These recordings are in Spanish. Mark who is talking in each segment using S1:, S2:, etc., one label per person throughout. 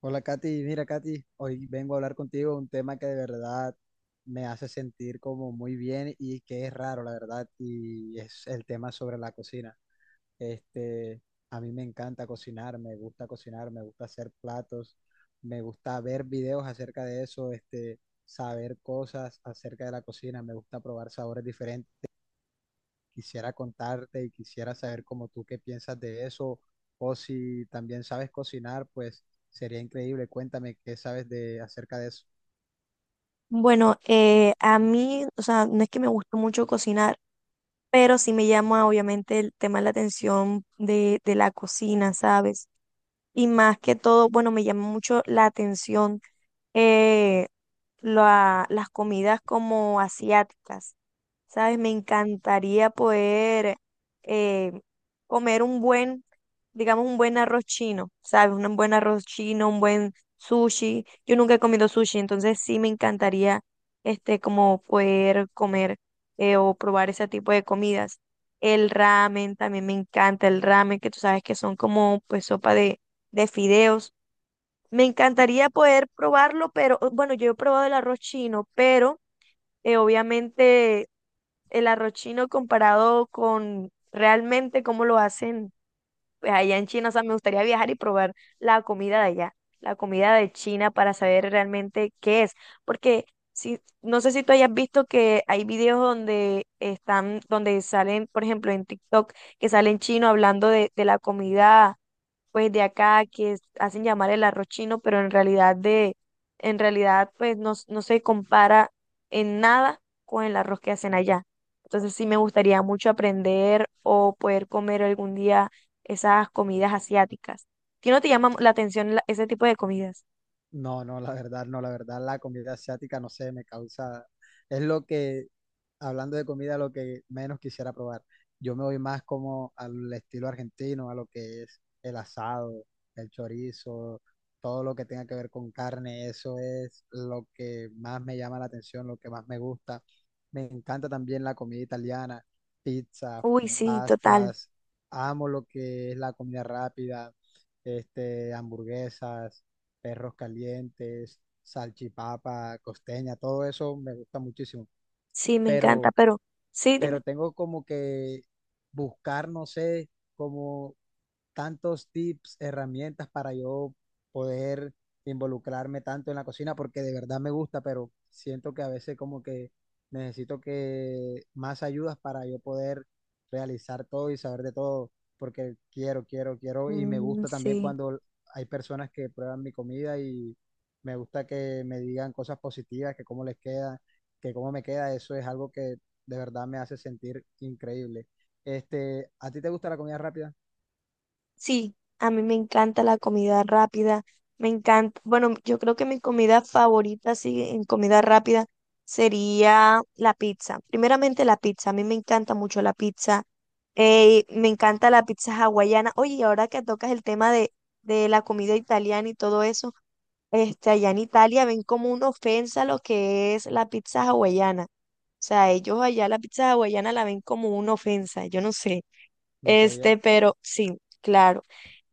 S1: Hola Katy, mira Katy, hoy vengo a hablar contigo de un tema que de verdad me hace sentir como muy bien y que es raro, la verdad, y es el tema sobre la cocina. Este, a mí me encanta cocinar, me gusta hacer platos, me gusta ver videos acerca de eso, saber cosas acerca de la cocina, me gusta probar sabores diferentes, quisiera contarte y quisiera saber como tú qué piensas de eso, o si también sabes cocinar, pues sería increíble. Cuéntame qué sabes de acerca de eso.
S2: Bueno, a mí, o sea, no es que me guste mucho cocinar, pero sí me llama obviamente el tema de la atención de la cocina, ¿sabes? Y más que todo, bueno, me llama mucho la atención eh, las comidas como asiáticas. ¿Sabes? Me encantaría poder eh, comer un buen, digamos, un buen arroz chino, ¿sabes? Un buen arroz chino, un buen sushi. Yo nunca he comido sushi, entonces sí me encantaría como poder comer o probar ese tipo de comidas. El ramen, también me encanta el ramen, que tú sabes que son como pues sopa de fideos. Me encantaría poder probarlo, pero bueno, yo he probado el arroz chino, pero obviamente el arroz chino comparado con realmente cómo lo hacen pues, allá en China. O sea, me gustaría viajar y probar la comida de allá, la comida de China para saber realmente qué es. Porque si, no sé si tú hayas visto que hay videos donde están, donde salen, por ejemplo, en TikTok, que salen chino hablando de la comida pues de acá hacen llamar el arroz chino, pero en realidad en realidad pues no, no se compara en nada con el arroz que hacen allá. Entonces sí me gustaría mucho aprender o poder comer algún día esas comidas asiáticas. ¿Ti no te llama la atención ese tipo de comidas?
S1: No, no, la verdad, no, la verdad, la comida asiática, no sé, me causa, es lo que, hablando de comida, lo que menos quisiera probar. Yo me voy más como al estilo argentino, a lo que es el asado, el chorizo, todo lo que tenga que ver con carne. Eso es lo que más me llama la atención, lo que más me gusta. Me encanta también la comida italiana, pizza,
S2: Uy, sí, total.
S1: pastas. Amo lo que es la comida rápida, hamburguesas, perros calientes, salchipapa, costeña, todo eso me gusta muchísimo.
S2: Sí, me encanta,
S1: Pero
S2: pero sí,
S1: pero
S2: dime.
S1: tengo como que buscar, no sé, como tantos tips, herramientas para yo poder involucrarme tanto en la cocina, porque de verdad me gusta, pero siento que a veces como que necesito que más ayudas para yo poder realizar todo y saber de todo, porque quiero, quiero, quiero, y me
S2: Mm,
S1: gusta también
S2: sí.
S1: cuando hay personas que prueban mi comida y me gusta que me digan cosas positivas, que cómo les queda, que cómo me queda, eso es algo que de verdad me hace sentir increíble. ¿A ti te gusta la comida rápida?
S2: Sí, a mí me encanta la comida rápida, me encanta, bueno, yo creo que mi comida favorita, sí, en comida rápida sería la pizza. Primeramente la pizza, a mí me encanta mucho la pizza, me encanta la pizza hawaiana. Oye, y ahora que tocas el tema de la comida italiana y todo eso, allá en Italia ven como una ofensa lo que es la pizza hawaiana. O sea, ellos allá la pizza hawaiana la ven como una ofensa, yo no sé.
S1: No sabía.
S2: Este, pero sí, claro.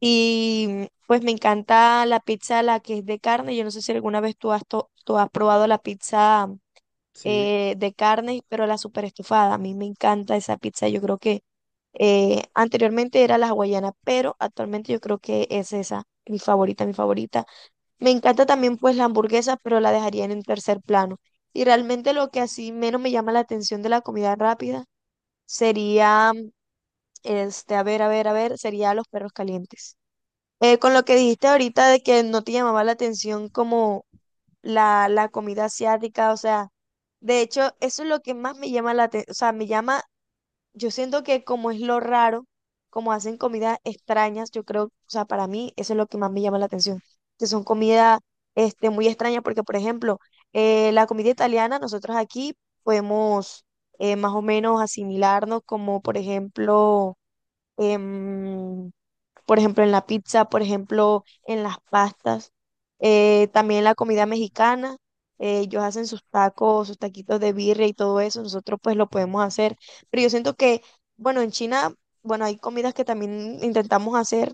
S2: Y pues me encanta la pizza, la que es de carne. Yo no sé si alguna vez tú has probado la pizza
S1: Sí.
S2: de carne, pero la super estufada. A mí me encanta esa pizza. Yo creo que anteriormente era la hawaiana, pero actualmente yo creo que es esa, mi favorita. Me encanta también pues la hamburguesa, pero la dejaría en un tercer plano. Y realmente lo que así menos me llama la atención de la comida rápida sería, este, a ver, sería los perros calientes. Con lo que dijiste ahorita de que no te llamaba la atención como la comida asiática, o sea, de hecho, eso es lo que más me llama la atención, o sea, me llama, yo siento que como es lo raro, como hacen comidas extrañas, yo creo, o sea, para mí eso es lo que más me llama la atención, que son comidas muy extrañas, porque por ejemplo, la comida italiana, nosotros aquí podemos más o menos asimilarnos como, por ejemplo, em, por ejemplo, en la pizza, por ejemplo, en las pastas, también la comida mexicana. Ellos hacen sus tacos, sus taquitos de birria y todo eso, nosotros pues lo podemos hacer. Pero yo siento que, bueno, en China, bueno, hay comidas que también intentamos hacer,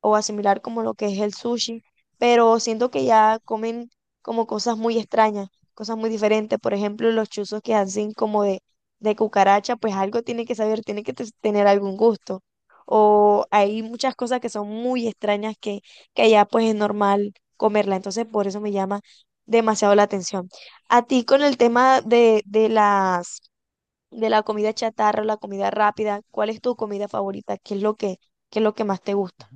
S2: o asimilar como lo que es el sushi, pero siento que ya comen como cosas muy extrañas, cosas muy diferentes. Por ejemplo, los chuzos que hacen como de cucaracha, pues algo tiene que saber, tener algún gusto. O hay muchas cosas que son muy extrañas que allá pues es normal comerla. Entonces, por eso me llama demasiado la atención. A ti con el tema de las de la comida chatarra, la comida rápida, ¿cuál es tu comida favorita? ¿Qué es qué es lo que más te gusta?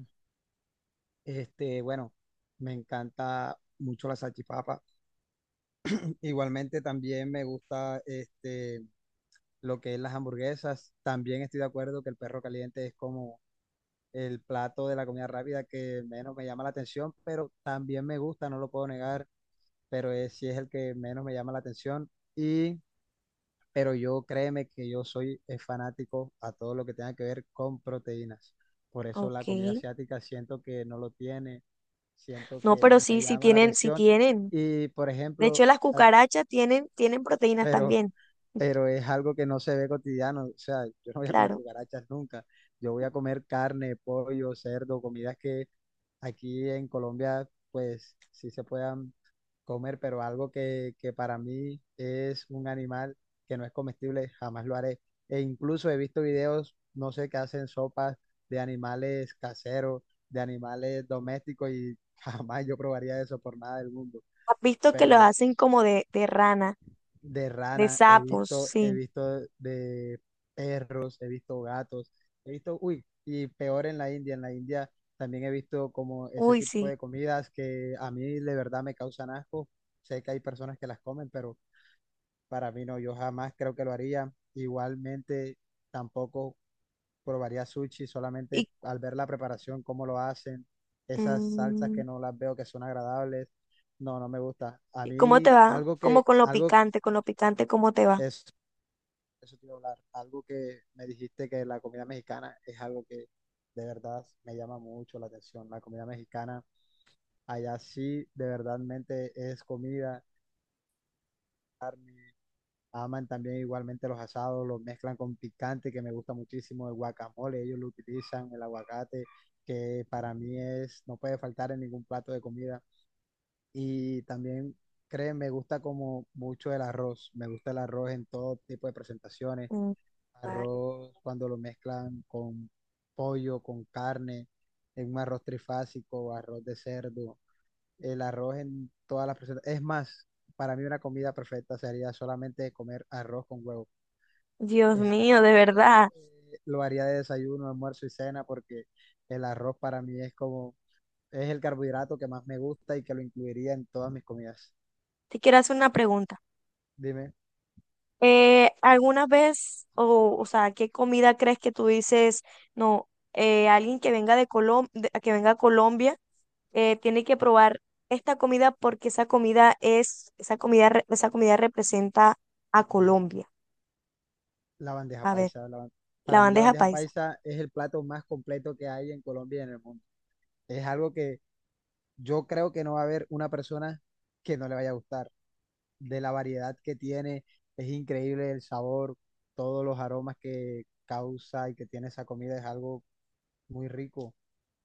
S1: Bueno, me encanta mucho la salchipapa. Igualmente también me gusta lo que es las hamburguesas. También estoy de acuerdo que el perro caliente es como el plato de la comida rápida que menos me llama la atención, pero también me gusta, no lo puedo negar, pero es, sí es el que menos me llama la atención. Y pero yo créeme que yo soy fanático a todo lo que tenga que ver con proteínas. Por eso
S2: Ok.
S1: la comida asiática siento que no lo tiene, siento
S2: No,
S1: que
S2: pero
S1: no me
S2: sí, sí
S1: llama la
S2: tienen, sí
S1: atención.
S2: tienen.
S1: Y por
S2: De hecho,
S1: ejemplo,
S2: las
S1: a-
S2: cucarachas tienen, tienen proteínas
S1: pero
S2: también,
S1: pero es algo que no se ve cotidiano. O sea, yo no voy a comer
S2: claro.
S1: cucarachas nunca. Yo voy a comer carne, pollo, cerdo, comidas que aquí en Colombia, pues sí se puedan comer, pero algo que para mí es un animal que no es comestible, jamás lo haré. E incluso he visto videos, no sé, que hacen sopas de animales caseros, de animales domésticos y jamás yo probaría eso por nada del mundo.
S2: Has visto que los
S1: Pero
S2: hacen como de rana,
S1: de
S2: de
S1: ranas,
S2: sapos,
S1: he
S2: sí.
S1: visto de perros, he visto gatos, he visto, uy, y peor en la India también he visto como ese
S2: Uy,
S1: tipo
S2: sí.
S1: de comidas que a mí de verdad me causan asco. Sé que hay personas que las comen, pero para mí no, yo jamás creo que lo haría. Igualmente tampoco probaría sushi, solamente
S2: ¿Y,
S1: al ver la preparación, cómo lo hacen, esas salsas
S2: mm,
S1: que no las veo que son agradables. No, no me gusta. A
S2: ¿Y cómo te
S1: mí
S2: va?
S1: algo
S2: Como
S1: que, algo,
S2: con lo picante, ¿cómo te va?
S1: eso eso te iba a hablar. Algo que me dijiste que la comida mexicana es algo que de verdad me llama mucho la atención. La comida mexicana, allá sí, de verdadmente es comida. Aman también igualmente los asados, los mezclan con picante, que me gusta muchísimo, el guacamole, ellos lo utilizan, el aguacate, que para mí es, no puede faltar en ningún plato de comida. Y también, creen, me gusta como mucho el arroz, me gusta el arroz en todo tipo de presentaciones,
S2: Mm, vale.
S1: arroz cuando lo mezclan con pollo, con carne, en un arroz trifásico, arroz de cerdo, el arroz en todas las presentaciones. Es más, para mí una comida perfecta sería solamente comer arroz con huevo.
S2: Dios
S1: Es algo
S2: mío,
S1: que
S2: de verdad.
S1: lo haría de desayuno, almuerzo y cena porque el arroz para mí es como, es el carbohidrato que más me gusta y que lo incluiría en todas mis comidas.
S2: Te quiero hacer una pregunta.
S1: Dime,
S2: ¿Alguna vez, o sea, qué comida crees que tú dices, no, alguien que venga que venga a Colombia tiene que probar esta comida porque esa comida es esa comida representa a Colombia?
S1: la bandeja
S2: A ver,
S1: paisa.
S2: la
S1: Para mí la
S2: bandeja
S1: bandeja
S2: paisa.
S1: paisa es el plato más completo que hay en Colombia y en el mundo. Es algo que yo creo que no va a haber una persona que no le vaya a gustar. De la variedad que tiene, es increíble el sabor, todos los aromas que causa y que tiene esa comida es algo muy rico.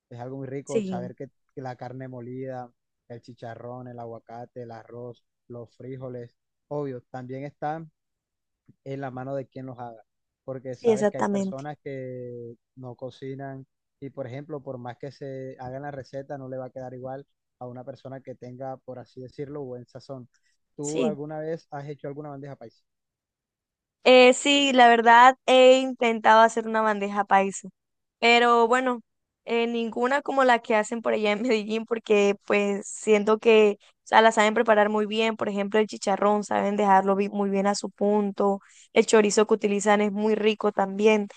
S1: Es algo muy rico
S2: Sí,
S1: saber que la carne molida, el chicharrón, el aguacate, el arroz, los frijoles. Obvio, también está en la mano de quien los haga, porque
S2: sí,
S1: sabes que hay
S2: exactamente.
S1: personas que no cocinan y, por ejemplo, por más que se hagan la receta, no le va a quedar igual a una persona que tenga, por así decirlo, buen sazón. ¿Tú
S2: Sí.
S1: alguna vez has hecho alguna bandeja paisa?
S2: Sí, la verdad he intentado hacer una bandeja paisa, pero bueno, ninguna como la que hacen por allá en Medellín, porque pues siento que, o sea, la saben preparar muy bien. Por ejemplo, el chicharrón, muy bien a su punto. El chorizo que utilizan es muy rico también.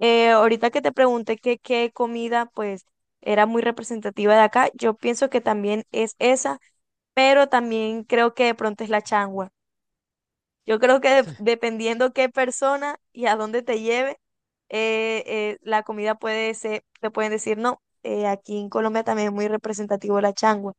S2: Ahorita que te pregunté que qué comida pues era muy representativa de acá, yo pienso que también es esa, pero también creo que de pronto es la changua. Yo creo que dependiendo qué persona y a dónde te lleve, la comida puede ser, te pueden decir no. Aquí en Colombia también es muy representativo la changua,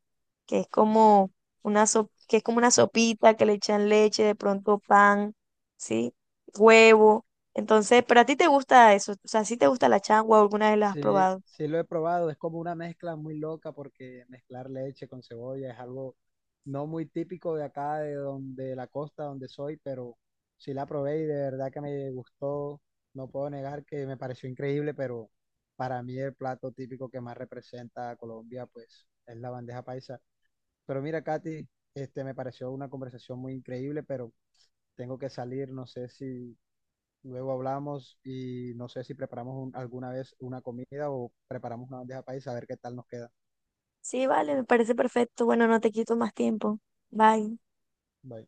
S2: que es como que es como una sopita que le echan leche, de pronto pan, ¿sí? Huevo. Entonces, pero a ti te gusta eso, o sea, si te gusta la changua, o alguna vez la has
S1: Sí,
S2: probado.
S1: sí lo he probado, es como una mezcla muy loca porque mezclar leche con cebolla es algo no muy típico de acá, de donde de la costa donde soy, pero sí la probé y de verdad que me gustó, no puedo negar que me pareció increíble, pero para mí el plato típico que más representa a Colombia pues es la bandeja paisa. Pero mira, Katy, este me pareció una conversación muy increíble, pero tengo que salir, no sé si, luego hablamos y no sé si preparamos alguna vez una comida o preparamos una bandeja paisa a ver qué tal nos queda.
S2: Sí, vale, me parece perfecto. Bueno, no te quito más tiempo. Bye.
S1: Bye.